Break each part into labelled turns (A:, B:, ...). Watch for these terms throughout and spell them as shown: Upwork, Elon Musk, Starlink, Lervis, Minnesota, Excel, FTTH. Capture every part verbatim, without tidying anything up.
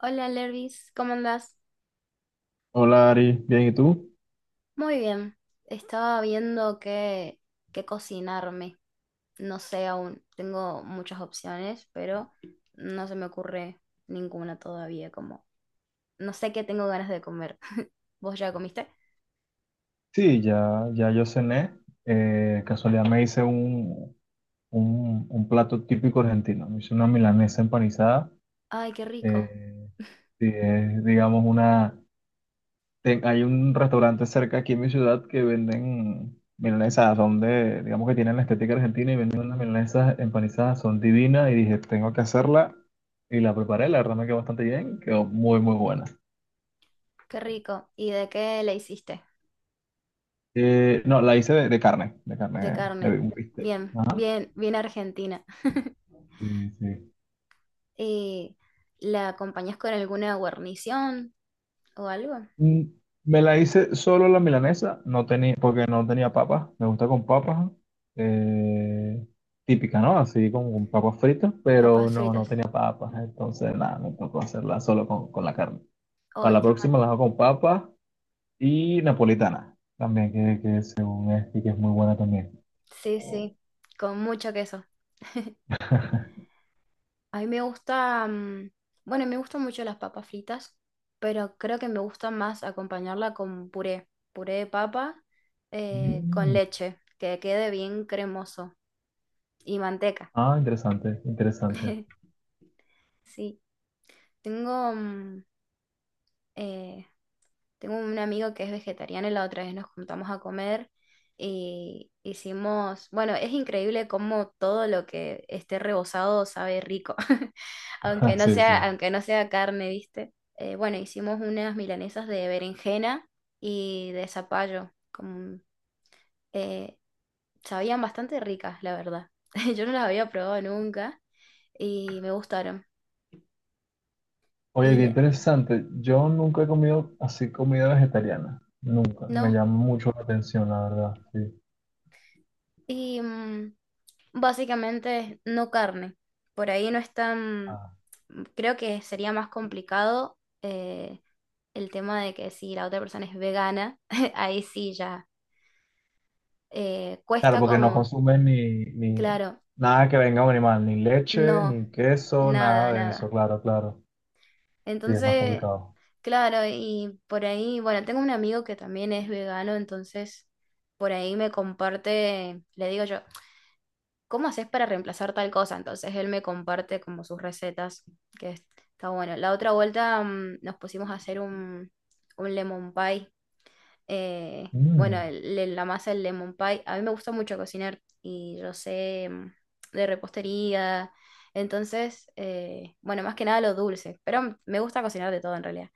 A: Hola Lervis, ¿cómo andás?
B: Hola Ari, bien, ¿y tú?
A: Muy bien. Estaba viendo qué, qué cocinarme. No sé aún. Tengo muchas opciones, pero no se me ocurre ninguna todavía. Como no sé qué tengo ganas de comer. ¿Vos ya comiste?
B: Sí, ya, ya yo cené. Eh, casualidad me hice un, un, un plato típico argentino. Me hice una milanesa empanizada.
A: Ay, qué rico,
B: Eh, sí, es, digamos, una. Ten- hay un restaurante cerca aquí en mi ciudad que venden milanesas. Son de, digamos que tienen la estética argentina y venden unas milanesas empanizadas. Son divinas y dije, tengo que hacerla. Y la preparé, la verdad me quedó bastante bien. Quedó muy, muy buena.
A: qué rico. ¿Y de qué le hiciste?
B: Eh, no, la hice de, de carne, de
A: De
B: carne, de
A: carne.
B: un bistec.
A: Bien,
B: Ajá.
A: bien, bien argentina.
B: Sí, sí.
A: ¿Y la acompañás con alguna guarnición o algo?
B: Mm, me la hice solo la milanesa, no tenía, porque no tenía papas. Me gusta con papas, eh, típica, ¿no? Así como con papas fritas, pero
A: Papas
B: no, no
A: fritas.
B: tenía papas. Entonces, nada, me tocó hacerla solo con, con la carne. Para
A: Ay,
B: la
A: qué
B: próxima la hago con papas y napolitana, también, que, que según es, y que es muy buena también.
A: Sí, sí, con mucho queso. A mí me gusta, mm, bueno, me gustan mucho las papas fritas, pero creo que me gusta más acompañarla con puré, puré de papa eh, con
B: Mm.
A: leche, que quede bien cremoso y manteca.
B: Ah, interesante, interesante.
A: Sí, tengo mm, eh, Tengo un amigo que es vegetariano y la otra vez nos juntamos a comer y hicimos, bueno, es increíble cómo todo lo que esté rebozado sabe rico, aunque no
B: Sí, sí.
A: sea, aunque no sea carne, ¿viste? Eh, bueno, hicimos unas milanesas de berenjena y de zapallo, como, eh, sabían bastante ricas, la verdad. Yo no las había probado nunca y me gustaron.
B: Oye,
A: Y
B: qué
A: le-
B: interesante. Yo nunca he comido así comida vegetariana. Nunca. Me
A: no,
B: llama mucho la atención, la verdad. Sí.
A: y mm, básicamente no carne. Por ahí no es tan,
B: Ah,
A: creo que sería más complicado eh, el tema de que si la otra persona es vegana, ahí sí ya eh,
B: claro,
A: cuesta
B: porque no
A: como,
B: consumen ni, ni
A: claro,
B: nada que venga de un animal, ni leche,
A: no,
B: ni queso,
A: nada,
B: nada de eso.
A: nada.
B: Claro, claro. Sí, es más
A: Entonces,
B: complicado.
A: claro, y por ahí, bueno, tengo un amigo que también es vegano, entonces por ahí me comparte, le digo yo, ¿cómo haces para reemplazar tal cosa? Entonces él me comparte como sus recetas, que es- está bueno. La otra vuelta mm, nos pusimos a hacer un, un lemon pie. Eh, bueno,
B: Mm.
A: el- el- la masa del lemon pie. A mí me gusta mucho cocinar y yo sé mm, de repostería. Entonces, eh, bueno, más que nada lo dulce, pero me gusta cocinar de todo en realidad.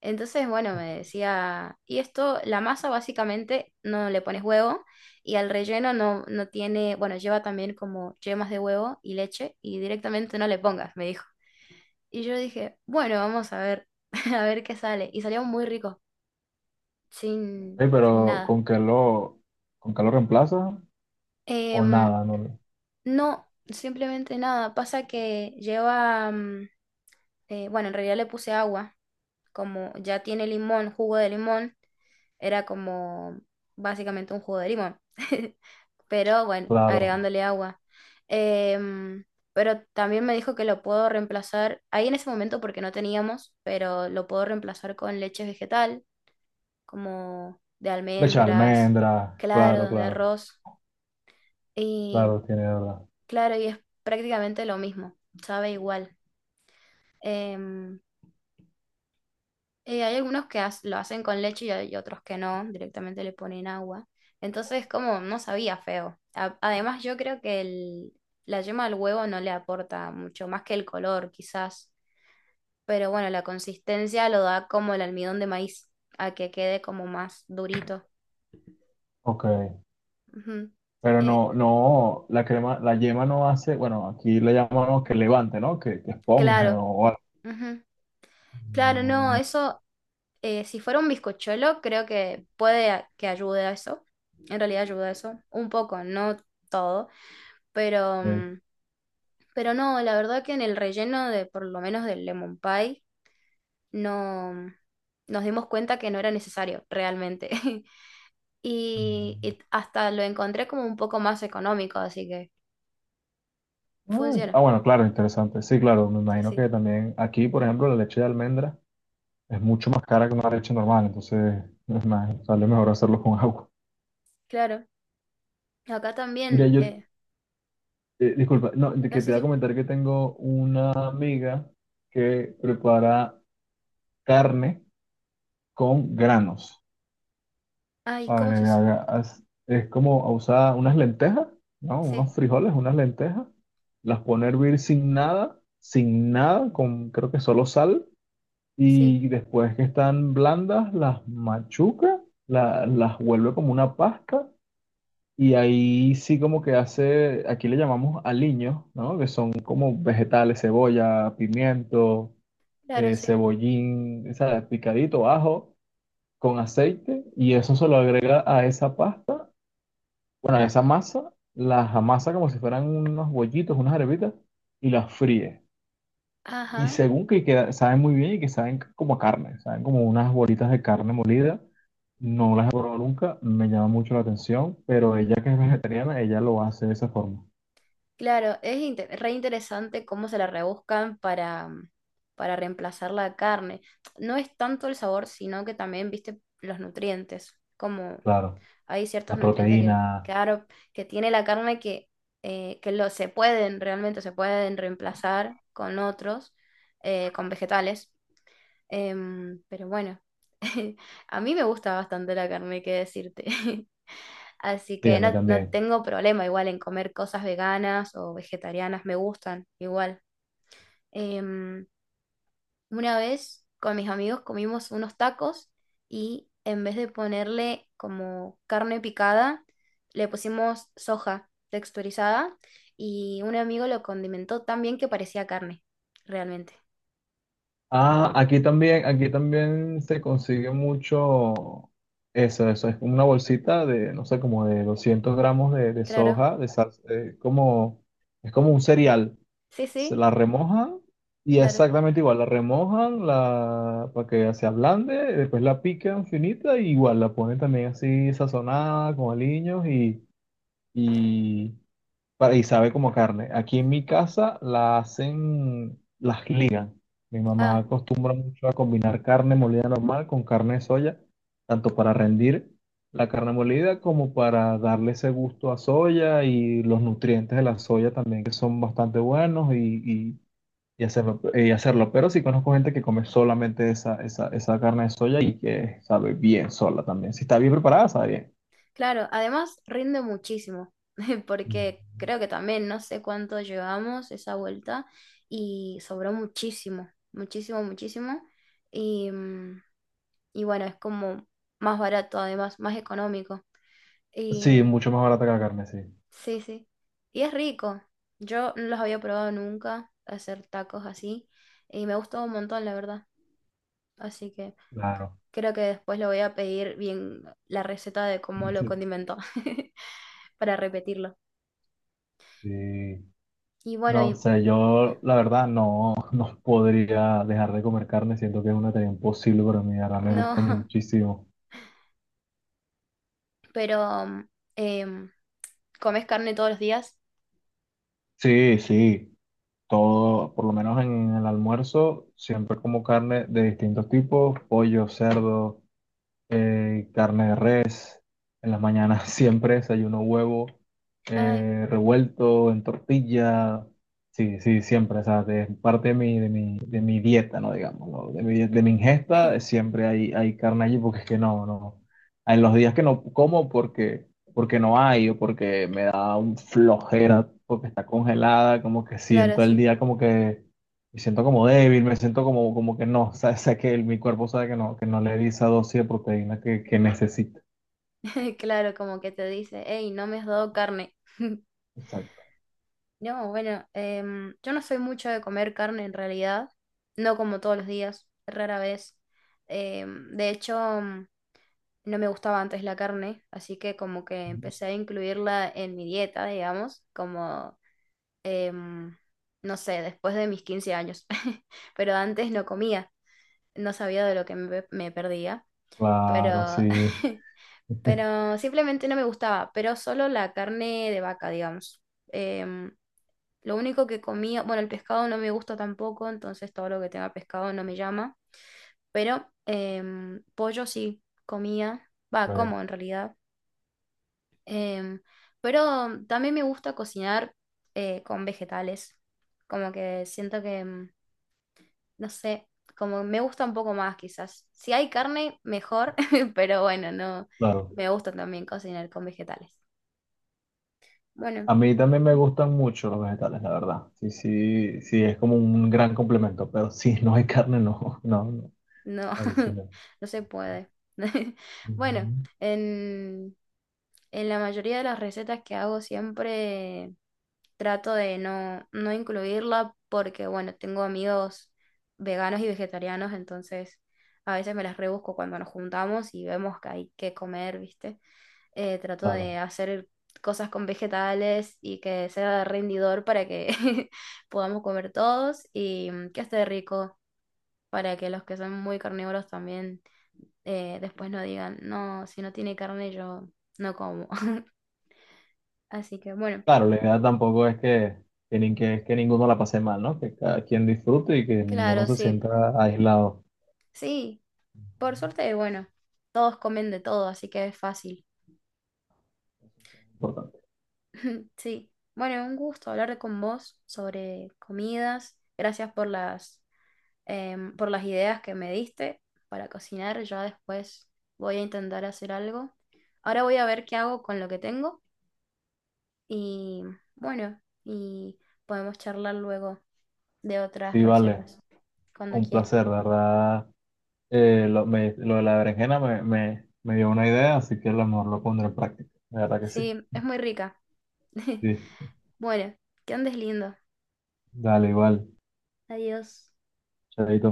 A: Entonces, bueno, me decía, y esto, la masa básicamente no le pones huevo y al relleno no, no tiene, bueno, lleva también como yemas de huevo y leche y directamente no le pongas, me dijo. Y yo dije, bueno, vamos a ver, a ver qué sale. Y salió muy rico, sin,
B: Ey,
A: sin
B: pero
A: nada.
B: ¿con qué lo, ¿con qué lo reemplaza? O
A: Em,
B: nada, no. lo-
A: no, simplemente nada. Pasa que lleva, mm, eh, bueno, en realidad le puse agua, como ya tiene limón, jugo de limón. Era como básicamente un jugo de limón, pero bueno,
B: Claro.
A: agregándole agua. Em, pero también me dijo que lo puedo reemplazar, ahí en ese momento porque no teníamos, pero lo puedo reemplazar con leche vegetal, como de
B: Leche de
A: almendras,
B: almendra. Claro,
A: claro, de
B: claro.
A: arroz. Y
B: Claro, tiene verdad.
A: claro, y es prácticamente lo mismo, sabe igual. Em, Eh, hay algunos que has- lo hacen con leche y hay otros que no, directamente le ponen agua. Entonces, como no sabía feo. A- además, yo creo que el- la yema al huevo no le aporta mucho, más que el color, quizás. Pero bueno, la consistencia lo da como el almidón de maíz, a que quede como más durito.
B: Ok.
A: Ujú.
B: Pero
A: Eh,
B: no, no, la crema, la yema no hace, bueno, aquí le llamamos que levante, ¿no? Que, que esponje
A: claro,
B: o algo.
A: ujú. Claro, no,
B: No,
A: eso, eh, si fuera un bizcochuelo, creo que puede a- que ayude a eso. En realidad ayuda a eso, un poco, no todo. Pero
B: ok.
A: mm, pero no, la verdad que en el relleno de, por lo menos del lemon pie, no nos dimos cuenta que no era necesario realmente. Y,
B: Mm.
A: y hasta lo encontré como un poco más económico, así que
B: Ah, ah,
A: funciona.
B: bueno, claro, interesante. Sí, claro, me
A: Sí,
B: imagino
A: sí,
B: que también aquí, por ejemplo, la leche de almendra es mucho más cara que una leche normal, entonces es más, sale mejor hacerlo con agua.
A: claro. Acá
B: Mira,
A: también,
B: yo,
A: eh,
B: eh, disculpa, no, de
A: no
B: que te
A: sé
B: voy a
A: si.
B: comentar que tengo una amiga que prepara carne con granos.
A: Ay,
B: ¿Sabes?
A: ¿cómo es eso?
B: Haga- haz- Es como usar unas lentejas, ¿no?
A: Sí,
B: Unos frijoles, unas lentejas, las pone a hervir sin nada, sin nada, con creo que solo sal,
A: sí,
B: y después que están blandas, las machuca, la- las vuelve como una pasta, y ahí sí como que hace, aquí le llamamos aliños, ¿no? Que son como vegetales, cebolla, pimiento,
A: claro,
B: eh,
A: sí.
B: cebollín, ¿sabes? Picadito, ajo, con aceite, y eso se lo agrega a esa pasta, bueno, esa masa las amasa como si fueran unos bollitos, unas arepitas, y las fríe. Y
A: Ajá.
B: según que queda- saben muy bien y que saben como a carne, saben como unas bolitas de carne molida. No las he probado nunca, me llama mucho la atención, pero ella que es vegetariana, ella lo hace de esa forma.
A: Claro, es inte- re interesante cómo se la rebuscan para, para reemplazar la carne. No es tanto el sabor, sino que también, viste, los nutrientes. Como
B: Claro,
A: hay ciertos
B: la
A: nutrientes que,
B: proteína,
A: claro, que tiene la carne que, eh, que lo, se pueden, realmente se pueden reemplazar con otros, eh, con vegetales. Em, pero bueno, a mí me gusta bastante la carne, qué decirte. Así
B: sí, a
A: que
B: mí
A: no, no
B: también.
A: tengo problema igual en comer cosas veganas o vegetarianas, me gustan igual. Em, una vez con mis amigos comimos unos tacos y en vez de ponerle como carne picada, le pusimos soja texturizada y un amigo lo condimentó tan bien que parecía carne, realmente.
B: Ah, aquí también, aquí también se consigue mucho eso, eso es como una bolsita de, no sé, como de doscientos gramos de, de
A: Claro,
B: soja, de salsa, eh, como, es como un cereal,
A: sí,
B: se
A: sí,
B: la remojan y
A: claro.
B: exactamente igual, la remojan la, para que se ablande, después la pican finita y igual la ponen también así sazonada con aliños y, para- y sabe como carne. Aquí en mi casa la hacen, las ligan. Mi mamá
A: Ah.
B: acostumbra mucho a combinar carne molida normal con carne de soya, tanto para rendir la carne molida como para darle ese gusto a soya y los nutrientes de la soya también que son bastante buenos y, y- y hacerlo, y hacerlo. Pero sí conozco gente que come solamente esa, esa, esa carne de soya y que sabe bien sola también. Si está bien preparada, sabe bien.
A: Claro, además rinde muchísimo,
B: Mm.
A: porque creo que también no sé cuánto llevamos esa vuelta y sobró muchísimo, muchísimo, muchísimo. Y, mm, y bueno, es como más barato además, más económico.
B: Sí,
A: Y
B: mucho más barata que la carne, sí.
A: sí, sí. Y es rico. Yo no los había probado nunca, hacer tacos así, y me gustó un montón, la verdad. Así que
B: Claro.
A: creo que después le voy a pedir bien la receta de cómo lo
B: Sí.
A: condimentó para repetirlo.
B: Sí.
A: Y bueno,
B: No
A: y
B: sé, yo la verdad no, no podría dejar de comer carne, siento que es una tarea imposible para mí, ahora me gusta
A: no,
B: muchísimo.
A: pero mm, em, ¿comes carne todos los días?
B: Sí, sí, todo, por lo menos en el almuerzo, siempre como carne de distintos tipos, pollo, cerdo. Eh, carne de res. En las mañanas siempre desayuno huevo,
A: Ay,
B: eh, revuelto en tortilla. Sí, sí, siempre. O sea, es parte de mi, de mi, de mi dieta, ¿no? Digamos, ¿no? De mi, de mi ingesta, eh, siempre hay, hay carne allí porque es que no, no. En los días que no como porque, porque no hay o porque me da un flojera porque está congelada, como que
A: claro,
B: siento el
A: sí.
B: día como que me siento como débil, me siento como, como que no, o sea, sé que el- mi cuerpo sabe que no, que no le di esa dosis de proteína que, que necesita.
A: Claro, como que te dice, hey, no me has dado carne.
B: Exacto.
A: No, bueno, em, yo no soy mucho de comer carne en realidad. No como todos los días, rara vez. Em, de hecho, mm, no me gustaba antes la carne, así que como que empecé a incluirla en mi dieta, digamos, como, em, no sé, después de mis quince años. Pero antes no comía. No sabía de lo que me, me perdía,
B: Claro,
A: pero,
B: sí.
A: pero simplemente no me gustaba, pero solo la carne de vaca, digamos. Em, lo único que comía, bueno, el pescado no me gusta tampoco, entonces todo lo que tenga pescado no me llama, pero em, pollo sí comía, va,
B: Ve,
A: como en realidad. Em, pero también me gusta cocinar eh, con vegetales, como que siento que... em, no sé, como me gusta un poco más quizás. Si hay carne, mejor, pero bueno, no,
B: claro.
A: me gusta también cocinar con vegetales. Bueno,
B: A mí también me gustan mucho los vegetales, la verdad. Sí, sí, sí, es como un gran complemento, pero si no hay carne, no, no, no,
A: no,
B: ahí sí no.
A: no se puede. Bueno,
B: Ujú.
A: en, en la mayoría de las recetas que hago siempre trato de no, no incluirla porque, bueno, tengo amigos veganos y vegetarianos, entonces a veces me las rebusco cuando nos juntamos y vemos que hay que comer, ¿viste? eh, trato de
B: Claro.
A: hacer cosas con vegetales y que sea rendidor para que podamos comer todos y mm, que esté rico para que los que son muy carnívoros también eh, después no digan, no, si no tiene carne yo no como. Así que bueno,
B: Claro, la idea tampoco es que, que, nin- que, que ninguno la pase mal, ¿no? Que cada quien disfrute y que ninguno
A: claro,
B: se
A: sí,
B: sienta aislado.
A: sí, por suerte, bueno, todos comen de todo, así que es fácil.
B: Importante.
A: Sí, bueno, un gusto hablar con vos sobre comidas. Gracias por las em, por las ideas que me diste para cocinar. Ya después voy a intentar hacer algo. Ahora voy a ver qué hago con lo que tengo y bueno, y podemos charlar luego de otras
B: Sí, vale.
A: recetas, cuando
B: Un
A: quieras.
B: placer, de verdad. Eh, lo, me- lo de la berenjena me, me, me dio una idea, así que a lo mejor lo pondré en práctica. De verdad que sí.
A: Sí, es muy rica.
B: Sí,
A: Bueno, que andes lindo.
B: dale, igual.
A: Adiós.
B: Chaito.